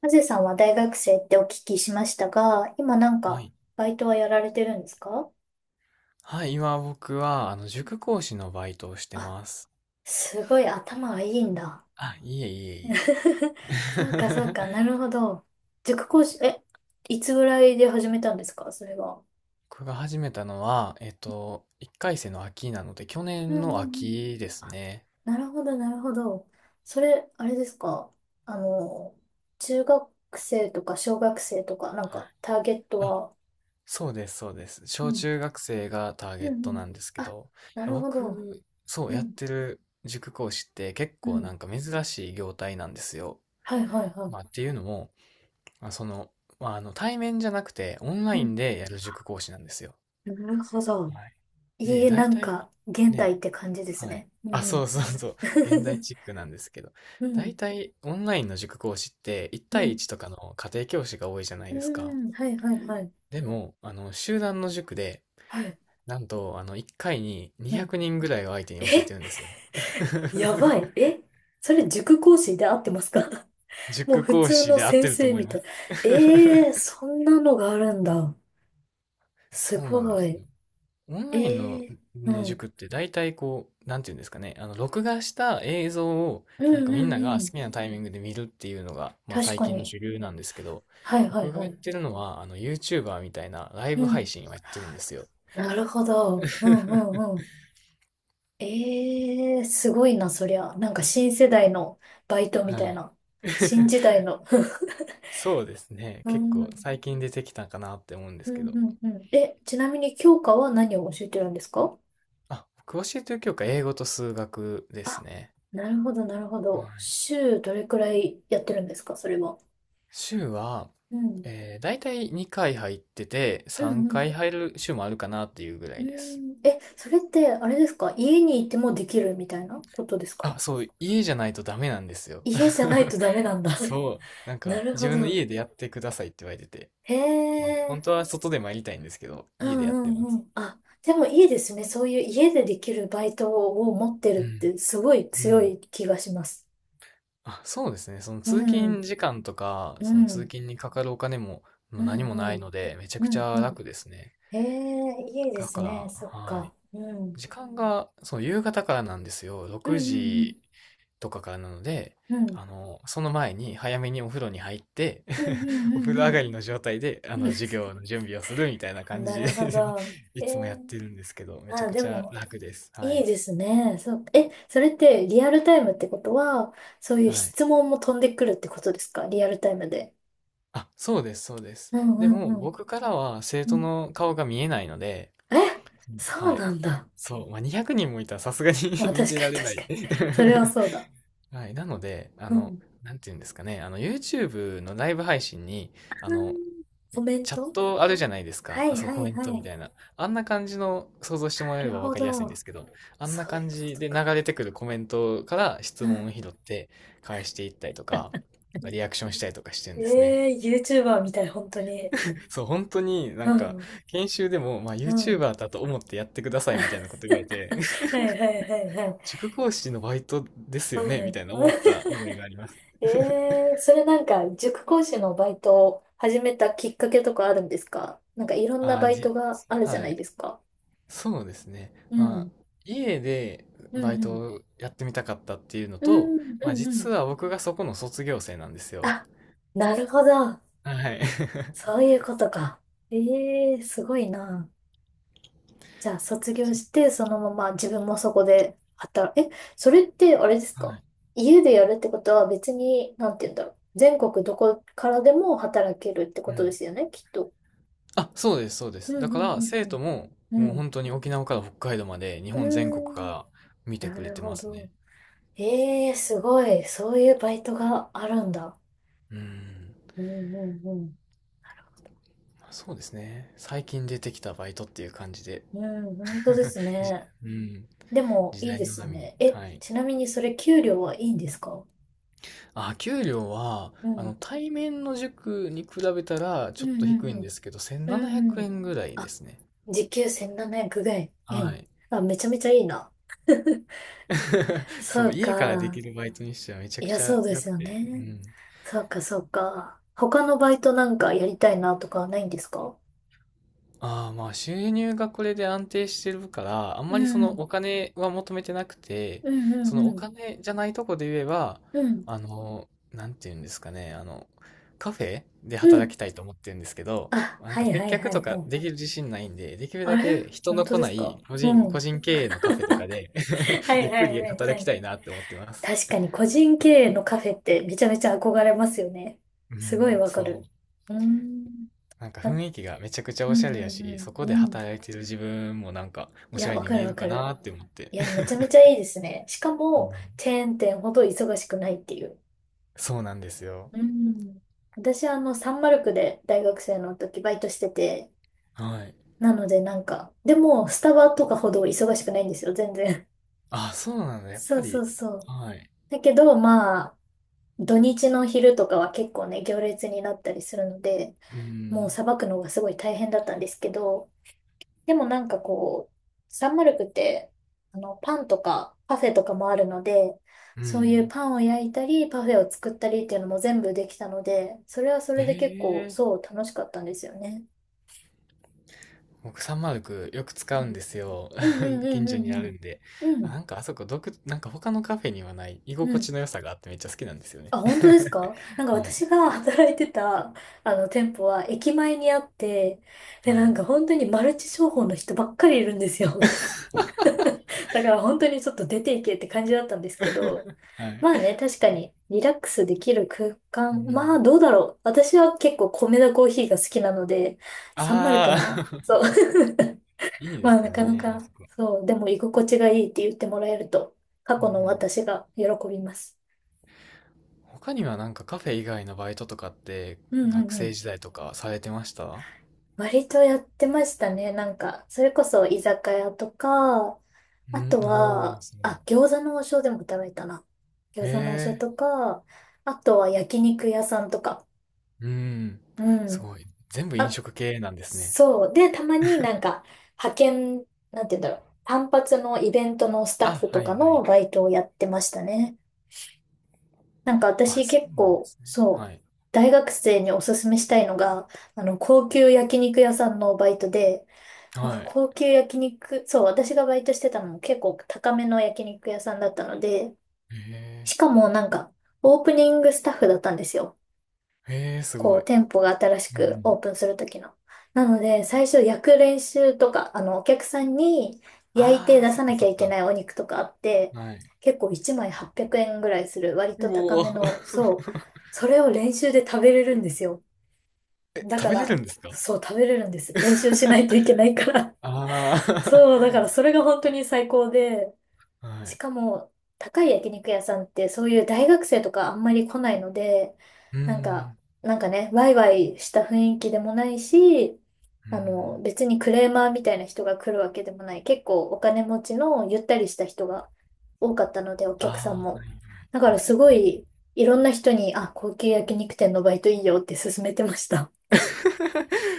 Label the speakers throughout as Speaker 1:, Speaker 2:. Speaker 1: ハゼさんは大学生ってお聞きしましたが、今なん
Speaker 2: は
Speaker 1: か、
Speaker 2: い。
Speaker 1: バイトはやられてるんですか？
Speaker 2: はい、今僕は、塾講師のバイトをして
Speaker 1: あ、
Speaker 2: ます。
Speaker 1: すごい頭がいいんだ。
Speaker 2: あ、いえいえい
Speaker 1: そうか
Speaker 2: え。
Speaker 1: そうか、なるほど。塾講師、え、いつぐらいで始めたんですか、それは？
Speaker 2: 僕が始めたのは、1回生の秋なので、去
Speaker 1: うん
Speaker 2: 年の
Speaker 1: うんうん。
Speaker 2: 秋です
Speaker 1: あ、
Speaker 2: ね。
Speaker 1: なるほどなるほど。それ、あれですか？あの、中学生とか小学生とか、なん
Speaker 2: はい。
Speaker 1: か、ターゲット
Speaker 2: あ、
Speaker 1: は、
Speaker 2: そうです、そうです。
Speaker 1: う
Speaker 2: 小
Speaker 1: ん、
Speaker 2: 中学生がターゲ
Speaker 1: う
Speaker 2: ッ
Speaker 1: んう
Speaker 2: トな
Speaker 1: ん。
Speaker 2: んですけ
Speaker 1: あ、
Speaker 2: ど、
Speaker 1: なるほど。
Speaker 2: 僕、そう
Speaker 1: う
Speaker 2: やっ
Speaker 1: ん、
Speaker 2: てる塾講師って結
Speaker 1: う
Speaker 2: 構
Speaker 1: ん。
Speaker 2: なんか珍しい業態なんですよ。
Speaker 1: はいはいは
Speaker 2: まあ
Speaker 1: い、
Speaker 2: っていうのも、まあ、その、対面じゃなくてオンラ
Speaker 1: う
Speaker 2: イン
Speaker 1: ん。
Speaker 2: でやる塾講師なんですよ。
Speaker 1: なるほど。
Speaker 2: はい。で、
Speaker 1: いい、な
Speaker 2: 大
Speaker 1: ん
Speaker 2: 体、
Speaker 1: か、現代
Speaker 2: ね、
Speaker 1: って感じです
Speaker 2: はい。
Speaker 1: ね。う
Speaker 2: あ、
Speaker 1: んう
Speaker 2: そ
Speaker 1: ん。
Speaker 2: うそうそう。現代 チックなんですけど。
Speaker 1: う
Speaker 2: 大
Speaker 1: ん、
Speaker 2: 体、オンラインの塾講師って、1
Speaker 1: う
Speaker 2: 対
Speaker 1: ん、
Speaker 2: 1とかの家庭教師が多いじゃな
Speaker 1: う
Speaker 2: いですか。
Speaker 1: ん、はいはいはい。
Speaker 2: でも、集団の塾で、
Speaker 1: はい、
Speaker 2: なんと、1回に
Speaker 1: う
Speaker 2: 200
Speaker 1: ん。
Speaker 2: 人ぐらいを相手に教え
Speaker 1: え、
Speaker 2: てるんですよ。
Speaker 1: やば い。え、それ塾講師で合ってますか？ もう
Speaker 2: 塾
Speaker 1: 普
Speaker 2: 講
Speaker 1: 通
Speaker 2: 師
Speaker 1: の
Speaker 2: で合っ
Speaker 1: 先
Speaker 2: てると
Speaker 1: 生
Speaker 2: 思い
Speaker 1: み
Speaker 2: ま
Speaker 1: たい。
Speaker 2: す。
Speaker 1: ええー、そんなのがあるんだ。す
Speaker 2: そうなんで
Speaker 1: ご
Speaker 2: す
Speaker 1: い。
Speaker 2: よ。オンライン
Speaker 1: え
Speaker 2: の、
Speaker 1: えー、
Speaker 2: ね、
Speaker 1: う
Speaker 2: 塾
Speaker 1: ん、
Speaker 2: って大体こう、なんていうんですかね、録画した映像を、
Speaker 1: う
Speaker 2: なん
Speaker 1: ん、
Speaker 2: かみ
Speaker 1: う
Speaker 2: んな
Speaker 1: ん、
Speaker 2: が
Speaker 1: う
Speaker 2: 好
Speaker 1: ん。
Speaker 2: きなタイミングで見るっていうのが、まあ
Speaker 1: 確
Speaker 2: 最
Speaker 1: か
Speaker 2: 近の
Speaker 1: に。
Speaker 2: 主流なんですけど、
Speaker 1: はいはい
Speaker 2: 僕が
Speaker 1: は
Speaker 2: やっ
Speaker 1: い。
Speaker 2: てるのは、YouTuber みたいなライ
Speaker 1: う
Speaker 2: ブ配
Speaker 1: ん。
Speaker 2: 信をやってるんですよ。
Speaker 1: なるほど。うん、うん、うん。ええすごいな、そりゃ。なんか新世代のバイトみ
Speaker 2: は
Speaker 1: た
Speaker 2: い。
Speaker 1: いな。新 時代の。
Speaker 2: そうですね。
Speaker 1: う
Speaker 2: 結
Speaker 1: ん、う
Speaker 2: 構
Speaker 1: ん、
Speaker 2: 最近出てきたかなって思うんで
Speaker 1: う
Speaker 2: すけ
Speaker 1: ん、
Speaker 2: ど。
Speaker 1: うん。え、ちなみに教科は何を教えてるんですか？
Speaker 2: あ、僕教えてる教科、英語と数学です
Speaker 1: あ、
Speaker 2: ね。
Speaker 1: なるほど、なるほ
Speaker 2: は
Speaker 1: ど。
Speaker 2: い。
Speaker 1: 週どれくらいやってるんですか、それは？
Speaker 2: 週は、
Speaker 1: うん、
Speaker 2: 大体2回入ってて、
Speaker 1: う
Speaker 2: 3
Speaker 1: ん、う
Speaker 2: 回
Speaker 1: ん。
Speaker 2: 入る週もあるかなっていうぐら
Speaker 1: う
Speaker 2: いです。
Speaker 1: ん、え、それって、あれですか、家にいてもできるみたいなことですか？
Speaker 2: あ、そう、家じゃないとダメなんですよ。
Speaker 1: 家じゃない とダメなんだ。
Speaker 2: そう、なん
Speaker 1: な
Speaker 2: か
Speaker 1: る
Speaker 2: 自
Speaker 1: ほ
Speaker 2: 分の
Speaker 1: ど。
Speaker 2: 家でやってくださいって言われてて、
Speaker 1: へ
Speaker 2: あ、本
Speaker 1: え。
Speaker 2: 当は外でもやりたいんですけど、
Speaker 1: う
Speaker 2: 家で
Speaker 1: ん
Speaker 2: やってま
Speaker 1: うんう
Speaker 2: す。
Speaker 1: ん。あ、でもいいですね。そういう家でできるバイトを持ってる
Speaker 2: う
Speaker 1: っ
Speaker 2: ん、
Speaker 1: てすごい
Speaker 2: う
Speaker 1: 強
Speaker 2: ん。
Speaker 1: い気がします。
Speaker 2: あ、そうですね。その
Speaker 1: う
Speaker 2: 通勤
Speaker 1: ん、
Speaker 2: 時間とか、
Speaker 1: う
Speaker 2: その通
Speaker 1: ん、
Speaker 2: 勤にかかるお金も、も
Speaker 1: う
Speaker 2: う
Speaker 1: ん、
Speaker 2: 何も
Speaker 1: う
Speaker 2: ない
Speaker 1: ん、
Speaker 2: ので、めちゃ
Speaker 1: う
Speaker 2: くち
Speaker 1: ん、
Speaker 2: ゃ
Speaker 1: うん。
Speaker 2: 楽ですね。
Speaker 1: へえ、いいで
Speaker 2: だ
Speaker 1: す
Speaker 2: から、
Speaker 1: ね。そっ
Speaker 2: はい。
Speaker 1: か。うん、
Speaker 2: 時間が、そう、夕方からなんですよ。
Speaker 1: うん、
Speaker 2: 6
Speaker 1: うん、
Speaker 2: 時とかからなので、
Speaker 1: うん、
Speaker 2: その前に早めにお風呂に入って
Speaker 1: うん、うん、
Speaker 2: お
Speaker 1: う
Speaker 2: 風
Speaker 1: ん、う
Speaker 2: 呂上
Speaker 1: ん。
Speaker 2: がりの状態で、
Speaker 1: うんうん、
Speaker 2: 授業の準備をするみたいな感
Speaker 1: な
Speaker 2: じで
Speaker 1: るほど。
Speaker 2: い
Speaker 1: え
Speaker 2: つもやっ
Speaker 1: ー、
Speaker 2: てるんですけど、めちゃ
Speaker 1: あ、
Speaker 2: く
Speaker 1: で
Speaker 2: ちゃ
Speaker 1: も、
Speaker 2: 楽です。は
Speaker 1: いい
Speaker 2: い。
Speaker 1: ですね。そう、え、それってリアルタイムってことは、そういう
Speaker 2: はい。
Speaker 1: 質問も飛んでくるってことですか、リアルタイムで？
Speaker 2: あ、そうです、そうです。
Speaker 1: うんう
Speaker 2: でも、
Speaker 1: ん
Speaker 2: 僕からは生
Speaker 1: う
Speaker 2: 徒
Speaker 1: ん。
Speaker 2: の顔が見えないので、
Speaker 1: え、
Speaker 2: うん、は
Speaker 1: そう
Speaker 2: い。
Speaker 1: なんだ。
Speaker 2: そう、まあ、200人もいたらさすがに
Speaker 1: ま あ
Speaker 2: 見
Speaker 1: 確
Speaker 2: て
Speaker 1: か
Speaker 2: ら
Speaker 1: に
Speaker 2: れな
Speaker 1: 確か
Speaker 2: い。
Speaker 1: に。それはそうだ。
Speaker 2: はい。なので、
Speaker 1: うん。
Speaker 2: なんていうんですかね、YouTube のライブ配信に、あの、
Speaker 1: コメン
Speaker 2: チャッ
Speaker 1: ト、
Speaker 2: トあるじゃないですか。
Speaker 1: は
Speaker 2: あ、
Speaker 1: い
Speaker 2: そう、
Speaker 1: は
Speaker 2: コ
Speaker 1: い
Speaker 2: メン
Speaker 1: はい。
Speaker 2: トみ
Speaker 1: な
Speaker 2: たいな。あんな感じの想像してもらえれ
Speaker 1: る
Speaker 2: ばわ
Speaker 1: ほ
Speaker 2: かりやすいんで
Speaker 1: ど。
Speaker 2: すけど、あんな
Speaker 1: そう
Speaker 2: 感
Speaker 1: いうこ
Speaker 2: じ
Speaker 1: と
Speaker 2: で流
Speaker 1: か。
Speaker 2: れてくるコメントから質
Speaker 1: う
Speaker 2: 問を
Speaker 1: ん。
Speaker 2: 拾って返していったりとか、リアクションしたりとかしてるんですね。
Speaker 1: ええー、YouTuber みたい、本当に。
Speaker 2: そう、本当にな
Speaker 1: う
Speaker 2: んか、
Speaker 1: ん。
Speaker 2: 研修でも、まあ、
Speaker 1: うん。
Speaker 2: YouTuber だと思ってやってくださ いみたいな
Speaker 1: は
Speaker 2: こと言われて、
Speaker 1: いはいはいはい。
Speaker 2: 塾講師のバイトですよ
Speaker 1: う
Speaker 2: ねみ
Speaker 1: ん。
Speaker 2: たいな思った思い があります。
Speaker 1: ええー、それなんか、塾講師のバイトを始めたきっかけとかあるんですか？なんかいろん
Speaker 2: あ
Speaker 1: な
Speaker 2: あ、
Speaker 1: バイトがあるじゃ
Speaker 2: は
Speaker 1: ない
Speaker 2: い。
Speaker 1: ですか。
Speaker 2: そうですね。
Speaker 1: う
Speaker 2: まあ、
Speaker 1: ん。
Speaker 2: 家で
Speaker 1: う
Speaker 2: バイ
Speaker 1: ん
Speaker 2: ト
Speaker 1: うん。
Speaker 2: をやってみたかったっていうの
Speaker 1: う
Speaker 2: と、
Speaker 1: ん
Speaker 2: ま
Speaker 1: う
Speaker 2: あ
Speaker 1: んう
Speaker 2: 実
Speaker 1: ん。
Speaker 2: は僕がそこの卒業生なんですよ。
Speaker 1: あ、なるほど。
Speaker 2: はい。
Speaker 1: そういうことか。ええ、すごいな。じゃあ、卒業して、そのまま自分もそこでそれってあれです
Speaker 2: は
Speaker 1: か、
Speaker 2: い。
Speaker 1: 家でやるってことは別に、なんて言うんだろう。全国どこからでも働けるってこ
Speaker 2: う
Speaker 1: とで
Speaker 2: ん。
Speaker 1: すよね、きっと。
Speaker 2: あ、そうです、そうで
Speaker 1: う
Speaker 2: す。だ
Speaker 1: んう
Speaker 2: から
Speaker 1: んう
Speaker 2: 生
Speaker 1: ん
Speaker 2: 徒も
Speaker 1: うん。
Speaker 2: もう
Speaker 1: うん。
Speaker 2: 本当に沖縄から北海道まで日
Speaker 1: う
Speaker 2: 本全国か
Speaker 1: ーん。
Speaker 2: ら見て
Speaker 1: な
Speaker 2: くれ
Speaker 1: る
Speaker 2: て
Speaker 1: ほ
Speaker 2: ます
Speaker 1: ど。
Speaker 2: ね。
Speaker 1: ええ、すごい。そういうバイトがあるんだ。
Speaker 2: うん。
Speaker 1: うんうんうん。
Speaker 2: まあそうですね。最近出てきたバイトっていう感じで。
Speaker 1: うん、本当で すね。
Speaker 2: うん。
Speaker 1: でも、
Speaker 2: 時
Speaker 1: いい
Speaker 2: 代
Speaker 1: で
Speaker 2: の
Speaker 1: す
Speaker 2: 波に。
Speaker 1: ね。え、
Speaker 2: はい。
Speaker 1: ちなみにそれ給料はいいんですか？
Speaker 2: あ、給料は、
Speaker 1: うん。
Speaker 2: 対面の塾に比べたらち
Speaker 1: う
Speaker 2: ょ
Speaker 1: ん
Speaker 2: っと
Speaker 1: うん
Speaker 2: 低いん
Speaker 1: う
Speaker 2: で
Speaker 1: ん。
Speaker 2: すけど、
Speaker 1: う
Speaker 2: 1700
Speaker 1: んうん。
Speaker 2: 円ぐらいで
Speaker 1: あ、
Speaker 2: すね。
Speaker 1: 時給1700ぐらい。う
Speaker 2: は
Speaker 1: ん。
Speaker 2: い。
Speaker 1: あ、めちゃめちゃいいな。
Speaker 2: そ
Speaker 1: そ
Speaker 2: う、
Speaker 1: う
Speaker 2: 家からでき
Speaker 1: か。
Speaker 2: るバイトにしてはめちゃ
Speaker 1: い
Speaker 2: く
Speaker 1: や、
Speaker 2: ちゃ
Speaker 1: そうで
Speaker 2: 良
Speaker 1: す
Speaker 2: く
Speaker 1: よ
Speaker 2: て。う
Speaker 1: ね。
Speaker 2: ん。
Speaker 1: そうか、そうか。他のバイトなんかやりたいなとかはないんですか？
Speaker 2: ああ、まあ収入がこれで安定してるから、あん
Speaker 1: う
Speaker 2: まりその
Speaker 1: ん。
Speaker 2: お金は求めてなくて、
Speaker 1: うんう
Speaker 2: そ
Speaker 1: ん
Speaker 2: の
Speaker 1: う
Speaker 2: お
Speaker 1: ん。
Speaker 2: 金じゃないとこで言えば、
Speaker 1: うん。
Speaker 2: あの、なんていうんですかね、カフェで
Speaker 1: う
Speaker 2: 働
Speaker 1: ん。
Speaker 2: きたいと思ってるんですけど、
Speaker 1: あ、
Speaker 2: なん
Speaker 1: は
Speaker 2: か
Speaker 1: い
Speaker 2: 接
Speaker 1: はい
Speaker 2: 客
Speaker 1: はい
Speaker 2: と
Speaker 1: は
Speaker 2: かでき
Speaker 1: い。
Speaker 2: る自信ないんで、できる
Speaker 1: あ
Speaker 2: だ
Speaker 1: れ、
Speaker 2: け人
Speaker 1: 本
Speaker 2: の
Speaker 1: 当
Speaker 2: 来
Speaker 1: です
Speaker 2: な
Speaker 1: か？
Speaker 2: い
Speaker 1: う
Speaker 2: 個
Speaker 1: ん。
Speaker 2: 人経営のカフェとかで
Speaker 1: はい
Speaker 2: ゆっ
Speaker 1: は
Speaker 2: く
Speaker 1: いは
Speaker 2: り
Speaker 1: いは
Speaker 2: 働き
Speaker 1: い。
Speaker 2: たいなって思ってます。
Speaker 1: 確かに個人経営のカフェってめちゃめちゃ憧れますよね。
Speaker 2: う
Speaker 1: すごい
Speaker 2: ん、
Speaker 1: わか
Speaker 2: そ
Speaker 1: る。
Speaker 2: う。
Speaker 1: うーん。
Speaker 2: なんか雰囲気がめちゃくちゃ
Speaker 1: う
Speaker 2: お
Speaker 1: ん
Speaker 2: しゃれ
Speaker 1: う
Speaker 2: や
Speaker 1: ん
Speaker 2: し、そこ
Speaker 1: うんう
Speaker 2: で
Speaker 1: ん。
Speaker 2: 働いてる自分もなんか
Speaker 1: い
Speaker 2: おしゃ
Speaker 1: や、
Speaker 2: れ
Speaker 1: わ
Speaker 2: に
Speaker 1: か
Speaker 2: 見
Speaker 1: る
Speaker 2: え
Speaker 1: わ
Speaker 2: る
Speaker 1: か
Speaker 2: か
Speaker 1: る。
Speaker 2: なって思って。
Speaker 1: いや、めちゃめちゃいいですね。しか
Speaker 2: う
Speaker 1: も、
Speaker 2: ん、
Speaker 1: チェーン店ほど忙しくないっていう。
Speaker 2: そうなんですよ。
Speaker 1: うん。私、あの、サンマルクで大学生の時バイトしてて、
Speaker 2: はい。
Speaker 1: なのでなんか、でも、スタバとかほど忙しくないんですよ、全然。
Speaker 2: あ、そうなんだ、やっ
Speaker 1: そ
Speaker 2: ぱ
Speaker 1: うそ
Speaker 2: り。
Speaker 1: うそう。
Speaker 2: はい。
Speaker 1: だけど、まあ、土日の昼とかは結構ね、行列になったりするので、
Speaker 2: う
Speaker 1: もう
Speaker 2: ん。
Speaker 1: さばくのがすごい大変だったんですけど、でもなんかこう、サンマルクって、あの、パンとかパフェとかもあるので、
Speaker 2: う
Speaker 1: そういう
Speaker 2: ん。
Speaker 1: パンを焼いたり、パフェを作ったりっていうのも全部できたので、それはそれで結構、
Speaker 2: ええ、
Speaker 1: そう、楽しかったんですよね。
Speaker 2: 僕3 0クよく使うんですよ。
Speaker 1: うんうん う
Speaker 2: 近
Speaker 1: ん
Speaker 2: 所
Speaker 1: うん
Speaker 2: にあるんで。
Speaker 1: うん。う
Speaker 2: あ、
Speaker 1: ん。
Speaker 2: なんかあそこなんか他のカフェにはない居
Speaker 1: う
Speaker 2: 心
Speaker 1: ん。
Speaker 2: 地の良さがあってめっちゃ好きなんですよね。
Speaker 1: あ、本当ですか？なんか
Speaker 2: はい。
Speaker 1: 私が 働いてた、あの、店舗は駅前にあって、で、
Speaker 2: は
Speaker 1: なん
Speaker 2: い。
Speaker 1: か本当にマルチ商法の人ばっかりいるんですよ。だから本当にちょっと出ていけって感じだったんですけ ど、
Speaker 2: はい。
Speaker 1: まあね、確かにリラックスできる空間、
Speaker 2: うん。
Speaker 1: まあどうだろう。私は結構米田コーヒーが好きなので、サンマルク
Speaker 2: あ
Speaker 1: な。
Speaker 2: あ。
Speaker 1: そう。
Speaker 2: いいで
Speaker 1: まあ
Speaker 2: す
Speaker 1: な
Speaker 2: よ
Speaker 1: かな
Speaker 2: ね、あ
Speaker 1: か、
Speaker 2: そこ。
Speaker 1: そう。でも居心地がいいって言ってもらえると、過
Speaker 2: う
Speaker 1: 去の
Speaker 2: ん。
Speaker 1: 私が喜びます。
Speaker 2: 他にはなんかカフェ以外のバイトとかって
Speaker 1: うんう
Speaker 2: 学
Speaker 1: んう
Speaker 2: 生
Speaker 1: ん。
Speaker 2: 時代とかされてました？
Speaker 1: 割とやってましたね。なんか、それこそ居酒屋とか、
Speaker 2: う
Speaker 1: あ
Speaker 2: ん、
Speaker 1: と
Speaker 2: おー、
Speaker 1: は、
Speaker 2: そう、
Speaker 1: あ、餃子の王将でも食べたな。
Speaker 2: へ
Speaker 1: 餃子の王将
Speaker 2: え、
Speaker 1: とか、あとは焼肉屋さんとか。
Speaker 2: うん、
Speaker 1: う
Speaker 2: す
Speaker 1: ん。
Speaker 2: ごい。全部飲食系なんですね。
Speaker 1: そう。で、たまになんか、派遣、なんて言うんだろう。単発のイベントのスタッ
Speaker 2: あ、
Speaker 1: フと
Speaker 2: はい
Speaker 1: か
Speaker 2: は
Speaker 1: の
Speaker 2: い。
Speaker 1: バイトをやってましたね。なんか
Speaker 2: あ、
Speaker 1: 私
Speaker 2: そ
Speaker 1: 結
Speaker 2: うなんで
Speaker 1: 構、
Speaker 2: すね。
Speaker 1: そ
Speaker 2: は
Speaker 1: う、
Speaker 2: い。
Speaker 1: 大学生におすすめしたいのが、あの、高級焼肉屋さんのバイトで、なん
Speaker 2: は
Speaker 1: か
Speaker 2: い。
Speaker 1: 高級焼肉、そう、私がバイトしてたのも結構高めの焼肉屋さんだったので、
Speaker 2: へ
Speaker 1: しかもなんかオープニングスタッフだったんですよ。
Speaker 2: え、へえ、す
Speaker 1: こ
Speaker 2: ご
Speaker 1: う、
Speaker 2: い。
Speaker 1: 店舗が新し
Speaker 2: う
Speaker 1: く
Speaker 2: ん。
Speaker 1: オープンする時の。なので、最初焼く練習とか、あの、お客さんに焼いて
Speaker 2: ああ、
Speaker 1: 出
Speaker 2: そっ
Speaker 1: さ
Speaker 2: か
Speaker 1: なき
Speaker 2: そ
Speaker 1: ゃ
Speaker 2: っ
Speaker 1: いけ
Speaker 2: か。
Speaker 1: ないお肉とかあって、
Speaker 2: はい。
Speaker 1: 結構1枚800円ぐらいする割と
Speaker 2: う
Speaker 1: 高
Speaker 2: お
Speaker 1: めの、
Speaker 2: ー。
Speaker 1: そう、それを練習で食べれるんですよ。
Speaker 2: え、
Speaker 1: だか
Speaker 2: 食べれる
Speaker 1: ら、
Speaker 2: んですか？
Speaker 1: そう、食べれるんです。練習しないとい けないから。
Speaker 2: あ
Speaker 1: そう、だからそれが本当に最高で、
Speaker 2: あ。は
Speaker 1: し
Speaker 2: い。
Speaker 1: かも高い焼肉屋さんってそういう大学生とかあんまり来ないので、
Speaker 2: う
Speaker 1: なんか、
Speaker 2: ん、
Speaker 1: なんかね、ワイワイした雰囲気でもないし、
Speaker 2: う
Speaker 1: あの、
Speaker 2: ん。
Speaker 1: 別にクレーマーみたいな人が来るわけでもない。結構お金持ちのゆったりした人が多かったので、お
Speaker 2: あ
Speaker 1: 客さん
Speaker 2: あ、は
Speaker 1: も。
Speaker 2: いはい。
Speaker 1: だからすごい、いろんな人に、あ、高級焼肉店のバイトいいよって勧めてました。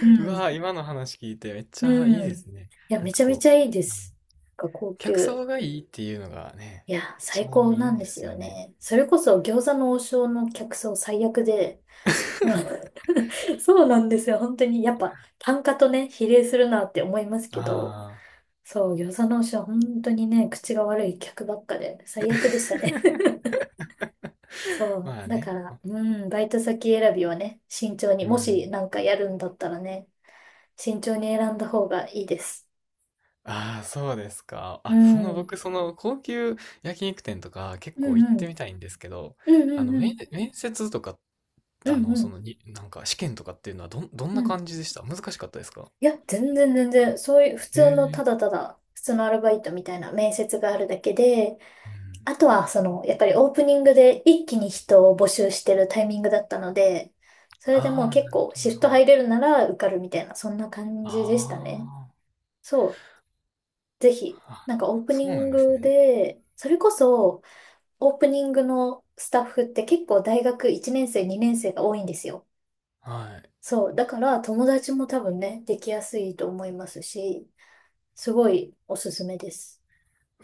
Speaker 1: う
Speaker 2: う
Speaker 1: ん。
Speaker 2: わー、今の話聞いてめっちゃいい
Speaker 1: う
Speaker 2: で
Speaker 1: ん。い
Speaker 2: すね。
Speaker 1: や、
Speaker 2: なん
Speaker 1: め
Speaker 2: か
Speaker 1: ちゃめち
Speaker 2: こ
Speaker 1: ゃいいで
Speaker 2: う、
Speaker 1: す。なんか高
Speaker 2: 客
Speaker 1: 級。
Speaker 2: 層がいいっていうのがね、
Speaker 1: いや、
Speaker 2: 一
Speaker 1: 最
Speaker 2: 番
Speaker 1: 高
Speaker 2: いい
Speaker 1: な
Speaker 2: ん
Speaker 1: ん
Speaker 2: で
Speaker 1: です
Speaker 2: す
Speaker 1: よ
Speaker 2: よね。
Speaker 1: ね。それこそ餃子の王将の客層最悪で、うん、 そうなんですよ。本当に、やっぱ単価とね、比例するなって思いますけど、
Speaker 2: ああ。
Speaker 1: そう、餃子の王将は本当にね、口が悪い客ばっかで、最悪でしたね。そ
Speaker 2: ま
Speaker 1: う、
Speaker 2: あ
Speaker 1: だか
Speaker 2: ね。
Speaker 1: ら、うん、バイト先選びはね、慎重に、
Speaker 2: う
Speaker 1: も
Speaker 2: ん。
Speaker 1: しなんかやるんだったらね、慎重に選んだ方がいいです。
Speaker 2: ああ、そうですか。
Speaker 1: う
Speaker 2: あ、そ
Speaker 1: ん、
Speaker 2: の
Speaker 1: うん
Speaker 2: 僕、その高級焼肉店とか結
Speaker 1: う
Speaker 2: 構
Speaker 1: ん、
Speaker 2: 行っ
Speaker 1: う
Speaker 2: て
Speaker 1: ん
Speaker 2: みたいんですけど、
Speaker 1: うんうん、
Speaker 2: 面接とか、
Speaker 1: う
Speaker 2: あ
Speaker 1: ん
Speaker 2: の、
Speaker 1: う
Speaker 2: そ
Speaker 1: ん、
Speaker 2: のに、なんか試験とかっていうのはどん
Speaker 1: う
Speaker 2: な
Speaker 1: ん、
Speaker 2: 感じでした？難しかったですか？
Speaker 1: いや、全然全然、そういう普
Speaker 2: え
Speaker 1: 通のた
Speaker 2: え、
Speaker 1: だただ、普通のアルバイトみたいな面接があるだけで、
Speaker 2: うん。
Speaker 1: あとはその、やっぱりオープニングで一気に人を募集してるタイミングだったので、それでもう
Speaker 2: ああ、な
Speaker 1: 結
Speaker 2: る
Speaker 1: 構
Speaker 2: ほど、な
Speaker 1: シ
Speaker 2: る
Speaker 1: フト
Speaker 2: ほど。
Speaker 1: 入れるなら受かるみたいな、そんな感じでしたね。
Speaker 2: あ
Speaker 1: そう、ぜひ、
Speaker 2: あ、
Speaker 1: なんかオープニ
Speaker 2: そうな
Speaker 1: ン
Speaker 2: んです
Speaker 1: グ
Speaker 2: ね。
Speaker 1: で、それこそオープニングのスタッフって結構大学1年生、2年生が多いんですよ。
Speaker 2: はい。
Speaker 1: そう、だから友達も多分ね、できやすいと思いますし、すごいおすすめです。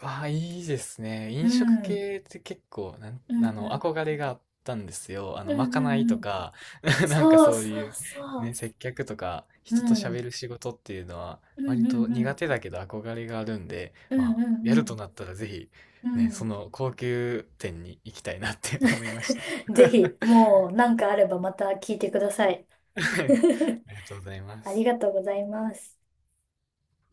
Speaker 2: わあ、いいですね。
Speaker 1: う
Speaker 2: 飲食
Speaker 1: ん。
Speaker 2: 系って結構、なん、
Speaker 1: う
Speaker 2: あ
Speaker 1: んう
Speaker 2: の、
Speaker 1: ん。
Speaker 2: 憧れがあったんですよ。
Speaker 1: う
Speaker 2: ま
Speaker 1: ん
Speaker 2: か
Speaker 1: う
Speaker 2: ない
Speaker 1: んう
Speaker 2: と
Speaker 1: ん。
Speaker 2: か、なんか
Speaker 1: そう
Speaker 2: そう
Speaker 1: そ
Speaker 2: い
Speaker 1: う
Speaker 2: う、
Speaker 1: そ
Speaker 2: ね、
Speaker 1: う。
Speaker 2: 接客とか、
Speaker 1: う
Speaker 2: 人と喋
Speaker 1: ん。
Speaker 2: る仕事っていうのは、
Speaker 1: うん
Speaker 2: 割
Speaker 1: う
Speaker 2: と
Speaker 1: んう
Speaker 2: 苦
Speaker 1: ん。
Speaker 2: 手だけど憧れがあるんで、
Speaker 1: う
Speaker 2: ま
Speaker 1: ん
Speaker 2: あ、
Speaker 1: う
Speaker 2: やると
Speaker 1: ん
Speaker 2: なったらぜひ、
Speaker 1: うん。う
Speaker 2: ね、そ
Speaker 1: ん。
Speaker 2: の高級店に行きたいなって思いました。
Speaker 1: ぜひ、もう何かあればまた聞いてください。
Speaker 2: ありがとうございま
Speaker 1: あり
Speaker 2: す。
Speaker 1: がとうございます。